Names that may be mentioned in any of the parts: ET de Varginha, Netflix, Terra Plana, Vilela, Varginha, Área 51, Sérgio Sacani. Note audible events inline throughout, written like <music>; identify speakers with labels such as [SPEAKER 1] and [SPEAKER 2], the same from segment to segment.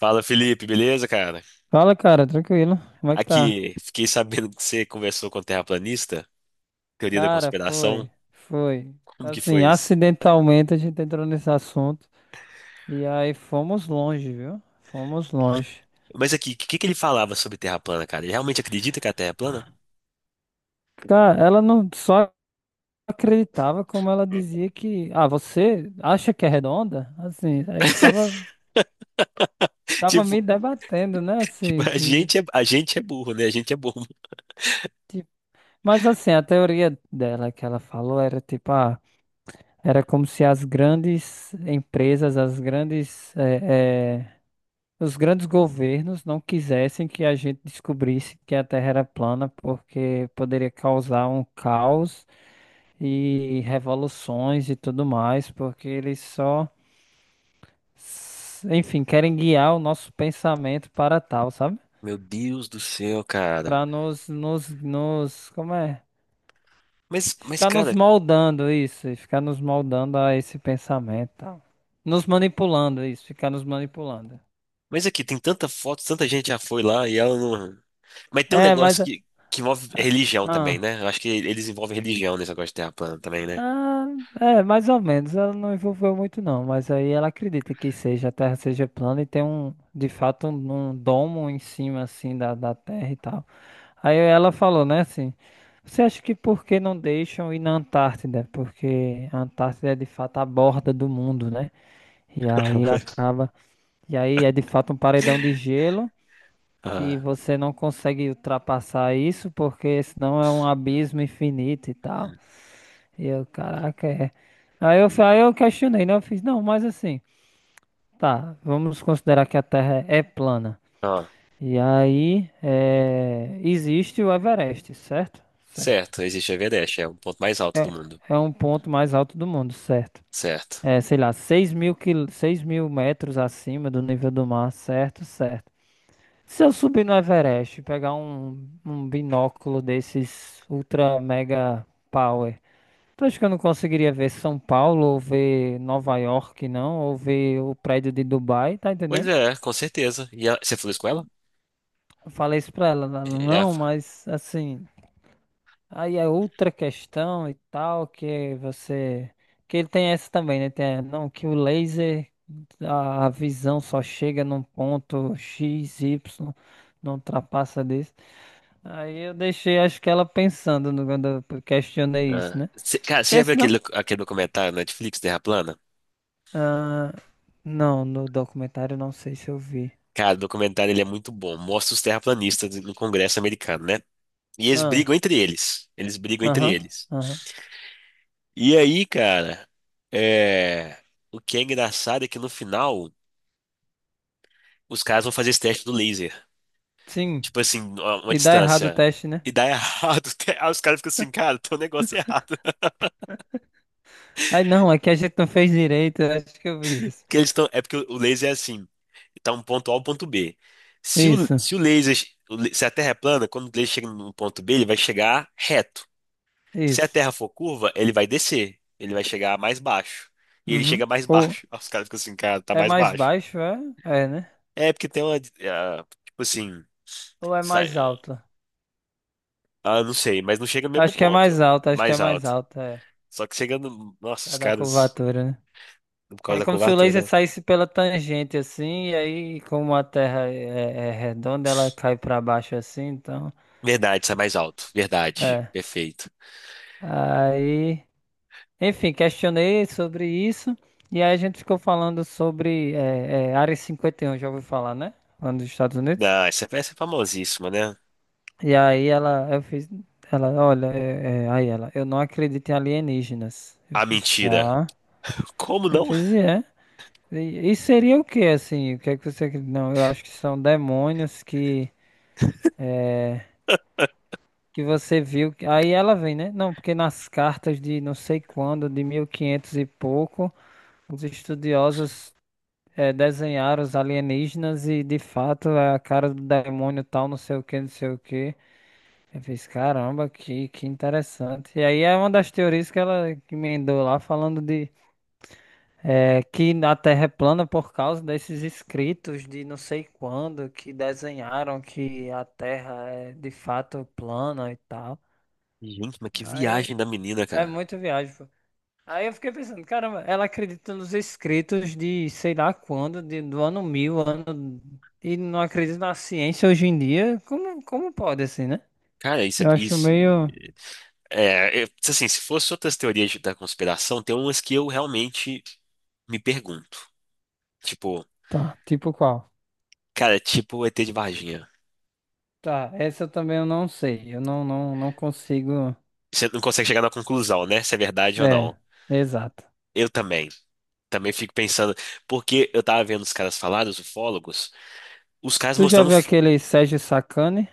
[SPEAKER 1] Fala, Felipe, beleza, cara?
[SPEAKER 2] Fala, cara, tranquilo. Como é que tá?
[SPEAKER 1] Aqui, fiquei sabendo que você conversou com o terraplanista, teoria da
[SPEAKER 2] Cara, foi,
[SPEAKER 1] conspiração.
[SPEAKER 2] foi.
[SPEAKER 1] Como que
[SPEAKER 2] Assim,
[SPEAKER 1] foi isso?
[SPEAKER 2] acidentalmente a gente entrou nesse assunto e aí fomos longe, viu? Fomos longe.
[SPEAKER 1] Mas aqui, o que que ele falava sobre terra plana, cara? Ele realmente acredita que a terra é plana?
[SPEAKER 2] Cara, ela não só acreditava como ela dizia que, ah, você acha que é redonda? Assim, aí ficava me
[SPEAKER 1] <laughs>
[SPEAKER 2] debatendo, né?
[SPEAKER 1] Tipo,
[SPEAKER 2] Assim,
[SPEAKER 1] a gente é, a gente é burro, né? A gente é burro.
[SPEAKER 2] tipo- mas assim, a teoria dela que ela falou era tipo, ah, era como se as grandes empresas, as grandes os grandes governos não quisessem que a gente descobrisse que a Terra era plana, porque poderia causar um caos e revoluções e tudo mais, porque eles só, enfim, querem guiar o nosso pensamento para tal, sabe?
[SPEAKER 1] Meu Deus do céu, cara.
[SPEAKER 2] Para nos, como é?
[SPEAKER 1] Mas,
[SPEAKER 2] Ficar nos
[SPEAKER 1] cara,
[SPEAKER 2] moldando isso, e ficar nos moldando a esse pensamento, e tal. Nos manipulando isso, ficar nos manipulando.
[SPEAKER 1] mas aqui, tem tanta foto, tanta gente já foi lá e ela não. Mas tem um
[SPEAKER 2] É,
[SPEAKER 1] negócio
[SPEAKER 2] mas ah,
[SPEAKER 1] que envolve religião também,
[SPEAKER 2] ah.
[SPEAKER 1] né? Eu acho que eles envolvem religião nesse negócio de terra plana também, né?
[SPEAKER 2] Ah, é, mais ou menos. Ela não envolveu muito, não. Mas aí ela acredita que seja, a Terra seja plana e tem um, de fato, um domo em cima, assim, da Terra e tal. Aí ela falou, né, assim, você acha que por que não deixam ir na Antártida? Porque a Antártida é, de fato, a borda do mundo, né? E aí
[SPEAKER 1] <laughs>
[SPEAKER 2] acaba... E aí é, de fato, um paredão de gelo que
[SPEAKER 1] Ah,
[SPEAKER 2] você não consegue ultrapassar isso porque senão é um abismo infinito e tal. E eu, caraca, é. Aí eu questionei, né? Eu fiz, não, mas assim, tá, vamos considerar que a Terra é plana.
[SPEAKER 1] ah,
[SPEAKER 2] E aí, é, existe o Everest, certo? Certo.
[SPEAKER 1] Certo, existe Everest, é o ponto mais alto do mundo.
[SPEAKER 2] É um ponto mais alto do mundo, certo?
[SPEAKER 1] Certo.
[SPEAKER 2] É, sei lá, 6.000 metros acima do nível do mar, certo? Certo. Se eu subir no Everest, e pegar um binóculo desses ultra mega power. Tu acha que eu não conseguiria ver São Paulo, ou ver Nova York, não? Ou ver o prédio de Dubai, tá
[SPEAKER 1] Pois
[SPEAKER 2] entendendo?
[SPEAKER 1] é, com certeza. E ela- você falou isso com ela?
[SPEAKER 2] Eu falei isso pra ela, ela,
[SPEAKER 1] E ela-
[SPEAKER 2] não, mas assim, aí é outra questão e tal, que você. Que ele tem essa também, né? Tem, não, que o laser, a visão só chega num ponto X, Y, não ultrapassa disso. Aí eu deixei, acho que ela pensando quando eu questionei isso, né?
[SPEAKER 1] você- cara, você já
[SPEAKER 2] Porque
[SPEAKER 1] viu
[SPEAKER 2] senão.
[SPEAKER 1] aquele, aquele documentário na Netflix, Terra Plana?
[SPEAKER 2] Ah, não, no documentário não sei se eu vi.
[SPEAKER 1] Cara, o documentário ele é muito bom. Mostra os terraplanistas no Congresso americano, né? E eles
[SPEAKER 2] Ah,
[SPEAKER 1] brigam entre eles. Eles brigam entre
[SPEAKER 2] aham,
[SPEAKER 1] eles.
[SPEAKER 2] aham.
[SPEAKER 1] E aí, cara, é... o que é engraçado é que no final os caras vão fazer esse teste do laser.
[SPEAKER 2] Sim,
[SPEAKER 1] Tipo assim, a uma
[SPEAKER 2] e dá errado o
[SPEAKER 1] distância.
[SPEAKER 2] teste, né?
[SPEAKER 1] E dá errado. <laughs> Aí os caras ficam assim, cara, tem um negócio errado.
[SPEAKER 2] Ai, não, é que a gente não fez direito, eu acho que eu
[SPEAKER 1] <laughs>
[SPEAKER 2] vi isso.
[SPEAKER 1] Porque eles estão. É porque o laser é assim. Tá um ponto A ao ponto B. Se o,
[SPEAKER 2] Isso,
[SPEAKER 1] se o laser. Se a Terra é plana, quando o laser chega no ponto B, ele vai chegar reto. Se a
[SPEAKER 2] isso.
[SPEAKER 1] Terra for curva, ele vai descer. Ele vai chegar mais baixo. E ele
[SPEAKER 2] Uhum.
[SPEAKER 1] chega mais <laughs>
[SPEAKER 2] Ou
[SPEAKER 1] baixo. Aí os caras ficam assim, cara, tá
[SPEAKER 2] é
[SPEAKER 1] mais
[SPEAKER 2] mais
[SPEAKER 1] baixo.
[SPEAKER 2] baixo, é? É, né?
[SPEAKER 1] É porque tem uma. Tipo assim.
[SPEAKER 2] Ou é
[SPEAKER 1] Sai-
[SPEAKER 2] mais alto?
[SPEAKER 1] Ah, não sei, mas não chega no mesmo
[SPEAKER 2] Acho que é
[SPEAKER 1] ponto.
[SPEAKER 2] mais alto, acho que é
[SPEAKER 1] Mais
[SPEAKER 2] mais
[SPEAKER 1] alto.
[SPEAKER 2] alto, é.
[SPEAKER 1] Só que chegando. Nossa, os
[SPEAKER 2] Cada
[SPEAKER 1] caras.
[SPEAKER 2] curvatura, né?
[SPEAKER 1] Por causa
[SPEAKER 2] É
[SPEAKER 1] da
[SPEAKER 2] como se o
[SPEAKER 1] curvatura,
[SPEAKER 2] laser
[SPEAKER 1] né?
[SPEAKER 2] saísse pela tangente assim, e aí, como a Terra é redonda, ela cai pra baixo assim, então.
[SPEAKER 1] Verdade, sai mais alto. Verdade.
[SPEAKER 2] É.
[SPEAKER 1] Perfeito.
[SPEAKER 2] Aí. Enfim, questionei sobre isso e aí a gente ficou falando sobre Área 51, já ouviu falar, né? Lá nos Estados Unidos.
[SPEAKER 1] Não, essa peça é famosíssima, né?
[SPEAKER 2] E aí ela, eu fiz, ela, olha, aí ela, eu não acredito em alienígenas. Eu
[SPEAKER 1] A
[SPEAKER 2] fiz,
[SPEAKER 1] mentira.
[SPEAKER 2] tá.
[SPEAKER 1] Como
[SPEAKER 2] Eu
[SPEAKER 1] não?
[SPEAKER 2] fiz, e é. E seria o que, assim? O que é que você acredita? Não, eu acho que são demônios que,
[SPEAKER 1] <laughs>
[SPEAKER 2] que você viu. Aí ela vem, né? Não, porque nas cartas de não sei quando, de 1500 e quinhentos e pouco, os estudiosos desenhar os alienígenas e de fato é a cara do demônio tal, não sei o que, não sei o que. Eu fiz, caramba, que interessante. E aí é uma das teorias que ela que emendou lá, falando de que a Terra é plana por causa desses escritos de não sei quando que desenharam que a Terra é de fato plana e tal.
[SPEAKER 1] Gente, mas que
[SPEAKER 2] Aí
[SPEAKER 1] viagem da menina,
[SPEAKER 2] é
[SPEAKER 1] cara.
[SPEAKER 2] muito viagem. Aí eu fiquei pensando, caramba, ela acredita nos escritos de sei lá quando, do ano 1000, ano. E não acredita na ciência hoje em dia. Como pode assim, né?
[SPEAKER 1] Cara, isso é.
[SPEAKER 2] Eu acho
[SPEAKER 1] Isso,
[SPEAKER 2] meio.
[SPEAKER 1] é, é, assim, se fosse outras teorias da conspiração, tem umas que eu realmente me pergunto. Tipo,
[SPEAKER 2] Tá, tipo qual?
[SPEAKER 1] cara, é tipo o ET de Varginha.
[SPEAKER 2] Tá, essa também eu não sei. Eu não consigo.
[SPEAKER 1] Você não consegue chegar na conclusão, né? Se é verdade ou
[SPEAKER 2] É,
[SPEAKER 1] não.
[SPEAKER 2] exato.
[SPEAKER 1] Eu também. Também fico pensando, porque eu tava vendo os caras falar, os ufólogos, os caras
[SPEAKER 2] Tu já
[SPEAKER 1] mostrando
[SPEAKER 2] viu
[SPEAKER 1] f-
[SPEAKER 2] aquele Sérgio Sacani?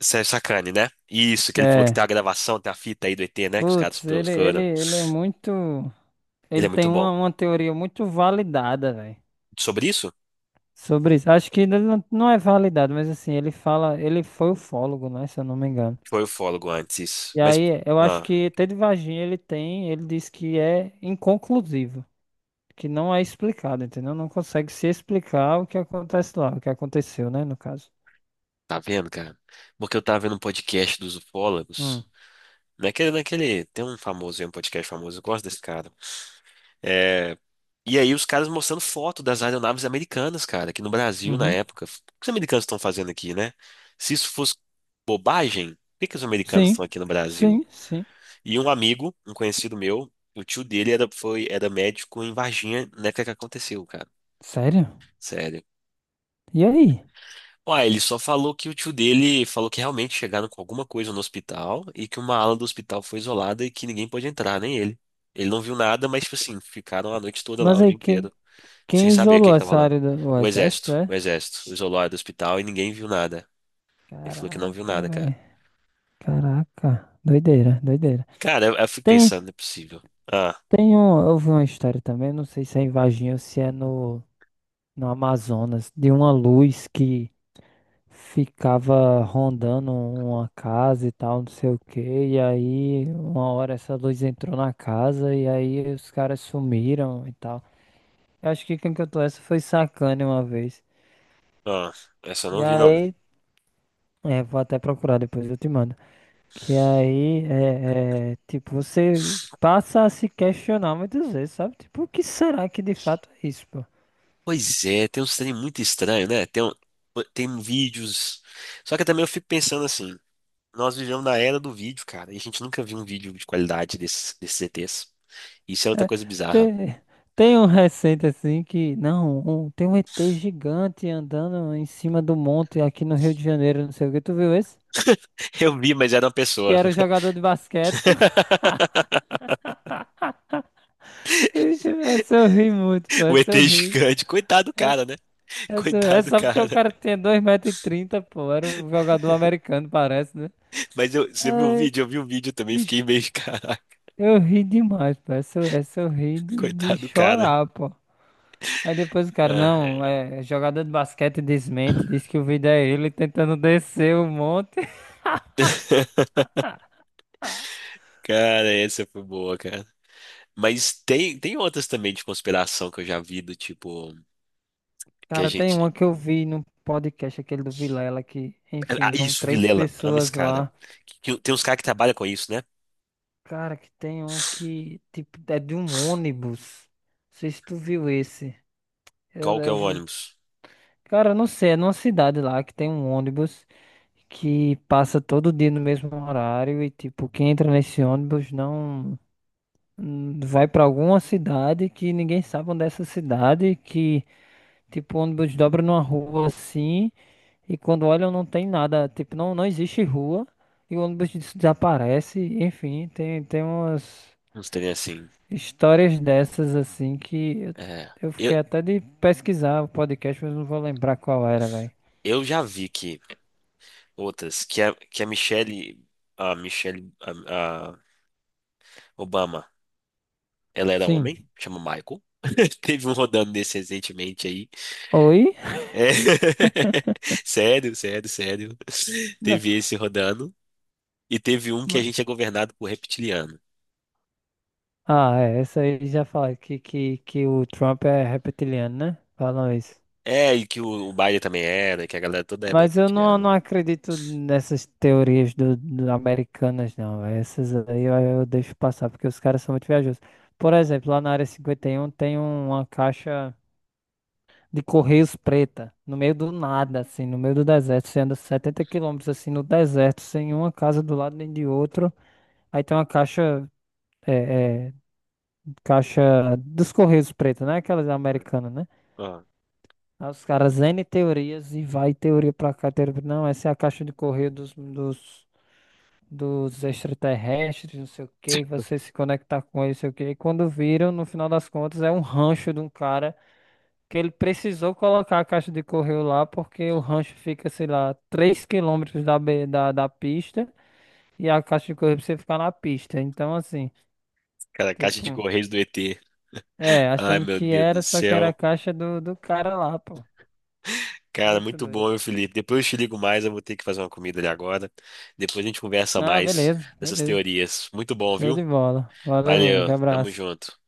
[SPEAKER 1] Sérgio Sacani, né? Isso, que ele falou que tem
[SPEAKER 2] É.
[SPEAKER 1] a gravação, tem a fita aí do ET, né? Que os caras
[SPEAKER 2] Putz, ele, ele,
[SPEAKER 1] buscaram.
[SPEAKER 2] ele é muito.
[SPEAKER 1] Ele
[SPEAKER 2] Ele
[SPEAKER 1] é
[SPEAKER 2] tem
[SPEAKER 1] muito bom.
[SPEAKER 2] uma teoria muito validada, velho.
[SPEAKER 1] Sobre isso?
[SPEAKER 2] Sobre isso. Acho que ele não é validado, mas assim, ele fala, ele foi ufólogo, né, se eu não me engano.
[SPEAKER 1] Foi ufólogo antes, isso.
[SPEAKER 2] E
[SPEAKER 1] Mas,
[SPEAKER 2] aí, eu acho
[SPEAKER 1] ah,
[SPEAKER 2] que ET de Varginha ele tem, ele diz que é inconclusivo, que não é explicado, entendeu? Não consegue se explicar o que acontece lá, o que aconteceu, né, no caso.
[SPEAKER 1] tá vendo, cara? Porque eu tava vendo um podcast dos
[SPEAKER 2] Hum.
[SPEAKER 1] ufólogos. Tem um famoso, aí, um podcast famoso, eu gosto desse cara. É, e aí os caras mostrando foto das aeronaves americanas, cara, aqui no Brasil na
[SPEAKER 2] Uhum.
[SPEAKER 1] época. O que os americanos estão fazendo aqui, né? Se isso fosse bobagem, por que que os americanos
[SPEAKER 2] Sim,
[SPEAKER 1] estão aqui no Brasil?
[SPEAKER 2] sim, sim.
[SPEAKER 1] E um amigo, um conhecido meu, o tio dele era médico em Varginha na época que aconteceu, cara.
[SPEAKER 2] Sério?
[SPEAKER 1] Sério.
[SPEAKER 2] E aí?
[SPEAKER 1] Ué, ele só falou que o tio dele falou que realmente chegaram com alguma coisa no hospital e que uma ala do hospital foi isolada e que ninguém pôde entrar, nem ele. Ele não viu nada, mas, tipo assim, ficaram a noite toda lá,
[SPEAKER 2] Mas
[SPEAKER 1] o
[SPEAKER 2] aí,
[SPEAKER 1] dia
[SPEAKER 2] quem,
[SPEAKER 1] inteiro. Sem
[SPEAKER 2] quem
[SPEAKER 1] saber o que
[SPEAKER 2] isolou
[SPEAKER 1] que tava
[SPEAKER 2] essa
[SPEAKER 1] lá.
[SPEAKER 2] área do o
[SPEAKER 1] O
[SPEAKER 2] exército,
[SPEAKER 1] exército, o
[SPEAKER 2] é?
[SPEAKER 1] exército, isolou ela do hospital e ninguém viu nada. Ele falou que não viu
[SPEAKER 2] Caraca,
[SPEAKER 1] nada, cara.
[SPEAKER 2] velho. Caraca. Doideira, doideira.
[SPEAKER 1] Cara, eu fico
[SPEAKER 2] Tem,
[SPEAKER 1] pensando, não é possível. Ah,
[SPEAKER 2] Tem um, eu vi uma história também, não sei se é em Varginha ou se é no Amazonas, de uma luz que ficava rondando uma casa e tal, não sei o quê, e aí uma hora essa luz entrou na casa e aí os caras sumiram e tal. Eu acho que quem cantou essa foi Sacane uma vez.
[SPEAKER 1] ah, essa eu
[SPEAKER 2] E
[SPEAKER 1] não vi, não. né?
[SPEAKER 2] aí, é, vou até procurar depois, eu te mando. Que aí, tipo, você passa a se questionar muitas vezes, sabe? Tipo, o que será que de fato é isso, pô?
[SPEAKER 1] Pois é, tem uns trem muito estranho, né? Tem vídeos. Só que também eu fico pensando assim, nós vivemos na era do vídeo, cara, e a gente nunca viu um vídeo de qualidade desses, desses ETs. Isso é outra
[SPEAKER 2] É,
[SPEAKER 1] coisa bizarra.
[SPEAKER 2] tem, tem um recente assim que, não, tem um ET gigante andando em cima do monte aqui no Rio de Janeiro, não sei o que. Tu viu esse?
[SPEAKER 1] <laughs> Eu vi, mas era uma
[SPEAKER 2] Que
[SPEAKER 1] pessoa.
[SPEAKER 2] era o jogador de basquete. <laughs>
[SPEAKER 1] <laughs>
[SPEAKER 2] Vixe, essa eu ri muito, pô,
[SPEAKER 1] O
[SPEAKER 2] essa eu
[SPEAKER 1] ET
[SPEAKER 2] ri.
[SPEAKER 1] gigante. Coitado do
[SPEAKER 2] Essa,
[SPEAKER 1] cara, né? Coitado
[SPEAKER 2] é
[SPEAKER 1] do
[SPEAKER 2] só porque o
[SPEAKER 1] cara.
[SPEAKER 2] cara tinha 2,30 metros pô, era um jogador americano, parece, né?
[SPEAKER 1] Mas eu, você viu o
[SPEAKER 2] Ai,
[SPEAKER 1] vídeo? Eu vi o vídeo também, fiquei
[SPEAKER 2] vixe,
[SPEAKER 1] meio, <laughs> caraca,
[SPEAKER 2] eu ri demais, pô, essa eu ri de
[SPEAKER 1] coitado do cara.
[SPEAKER 2] chorar, pô. Aí depois o cara,
[SPEAKER 1] Ah,
[SPEAKER 2] não,
[SPEAKER 1] é.
[SPEAKER 2] é jogador de basquete desmente, diz que o vídeo é ele tentando descer o monte. <laughs>
[SPEAKER 1] <laughs> Cara, essa foi boa, cara. Mas tem outras também de conspiração que eu já vi, do tipo, que a
[SPEAKER 2] Cara, tem
[SPEAKER 1] gente...
[SPEAKER 2] uma que eu vi no podcast, aquele do Vilela, que,
[SPEAKER 1] Ah,
[SPEAKER 2] enfim, vão
[SPEAKER 1] isso,
[SPEAKER 2] três
[SPEAKER 1] Vilela, ama esse
[SPEAKER 2] pessoas
[SPEAKER 1] cara.
[SPEAKER 2] lá.
[SPEAKER 1] Tem uns caras que trabalham com isso, né?
[SPEAKER 2] Cara, que tem um que, tipo, é de um ônibus. Não sei se tu viu esse. Eu,
[SPEAKER 1] Qual que é o
[SPEAKER 2] eu-
[SPEAKER 1] ônibus?
[SPEAKER 2] cara, eu não sei, é numa cidade lá que tem um ônibus que passa todo dia no mesmo horário e, tipo, quem entra nesse ônibus não. Vai pra alguma cidade que ninguém sabe onde é essa cidade, que tipo o ônibus dobra numa rua assim e quando olham não tem nada, tipo não existe rua e o ônibus desaparece, enfim, tem umas
[SPEAKER 1] Uns trem assim.
[SPEAKER 2] histórias dessas assim que
[SPEAKER 1] É.
[SPEAKER 2] eu
[SPEAKER 1] Eu,
[SPEAKER 2] fiquei até de pesquisar o podcast, mas não vou lembrar qual era, velho.
[SPEAKER 1] eu já vi que outras, que a Michelle, a Michelle, a Obama, ela era homem,
[SPEAKER 2] Sim.
[SPEAKER 1] chama Michael. <laughs> Teve um rodando desse recentemente aí.
[SPEAKER 2] Oi?
[SPEAKER 1] É. <laughs> Sério, sério, sério.
[SPEAKER 2] Não.
[SPEAKER 1] Teve esse rodando. E teve um que a
[SPEAKER 2] ma-
[SPEAKER 1] gente é governado por reptiliano.
[SPEAKER 2] Ah, é, essa aí já fala que o Trump é reptiliano, né? Falam isso.
[SPEAKER 1] É, e que o Biden também era, que a galera toda é
[SPEAKER 2] Mas eu não
[SPEAKER 1] reptiliana.
[SPEAKER 2] acredito nessas teorias do americanas, não. Essas aí eu deixo passar, porque os caras são muito viajosos. Por exemplo, lá na área 51 tem uma caixa de Correios preta, no meio do nada, assim, no meio do deserto. Você anda 70 quilômetros, assim, no deserto, sem uma casa do lado nem de outro. Aí tem uma caixa, é, é, caixa dos Correios preta, né? Aquelas
[SPEAKER 1] Né?
[SPEAKER 2] americanas, né?
[SPEAKER 1] Ó,
[SPEAKER 2] Aí os caras N teorias e vai teoria pra cá, teoria pra... Não, essa é a caixa de correio dos extraterrestres, não sei o que, você se conectar com eles, não sei o que. E quando viram, no final das contas, é um rancho de um cara que ele precisou colocar a caixa de correio lá, porque o rancho fica, sei lá, 3 quilômetros da pista e a caixa de correio precisa ficar na pista. Então, assim,
[SPEAKER 1] cara, caixa de
[SPEAKER 2] tipo,
[SPEAKER 1] correios do ET.
[SPEAKER 2] é,
[SPEAKER 1] Ai,
[SPEAKER 2] achando
[SPEAKER 1] meu
[SPEAKER 2] que
[SPEAKER 1] Deus do
[SPEAKER 2] era, só que era a
[SPEAKER 1] céu.
[SPEAKER 2] caixa do cara lá, pô.
[SPEAKER 1] Cara,
[SPEAKER 2] Muito
[SPEAKER 1] muito
[SPEAKER 2] doido.
[SPEAKER 1] bom, meu Felipe. Depois eu te ligo mais, eu vou ter que fazer uma comida ali agora. Depois a gente conversa
[SPEAKER 2] Ah,
[SPEAKER 1] mais
[SPEAKER 2] beleza,
[SPEAKER 1] dessas
[SPEAKER 2] beleza.
[SPEAKER 1] teorias. Muito bom,
[SPEAKER 2] Show
[SPEAKER 1] viu?
[SPEAKER 2] de bola. Valeu, meu amigo.
[SPEAKER 1] Valeu, tamo
[SPEAKER 2] Abraço.
[SPEAKER 1] junto.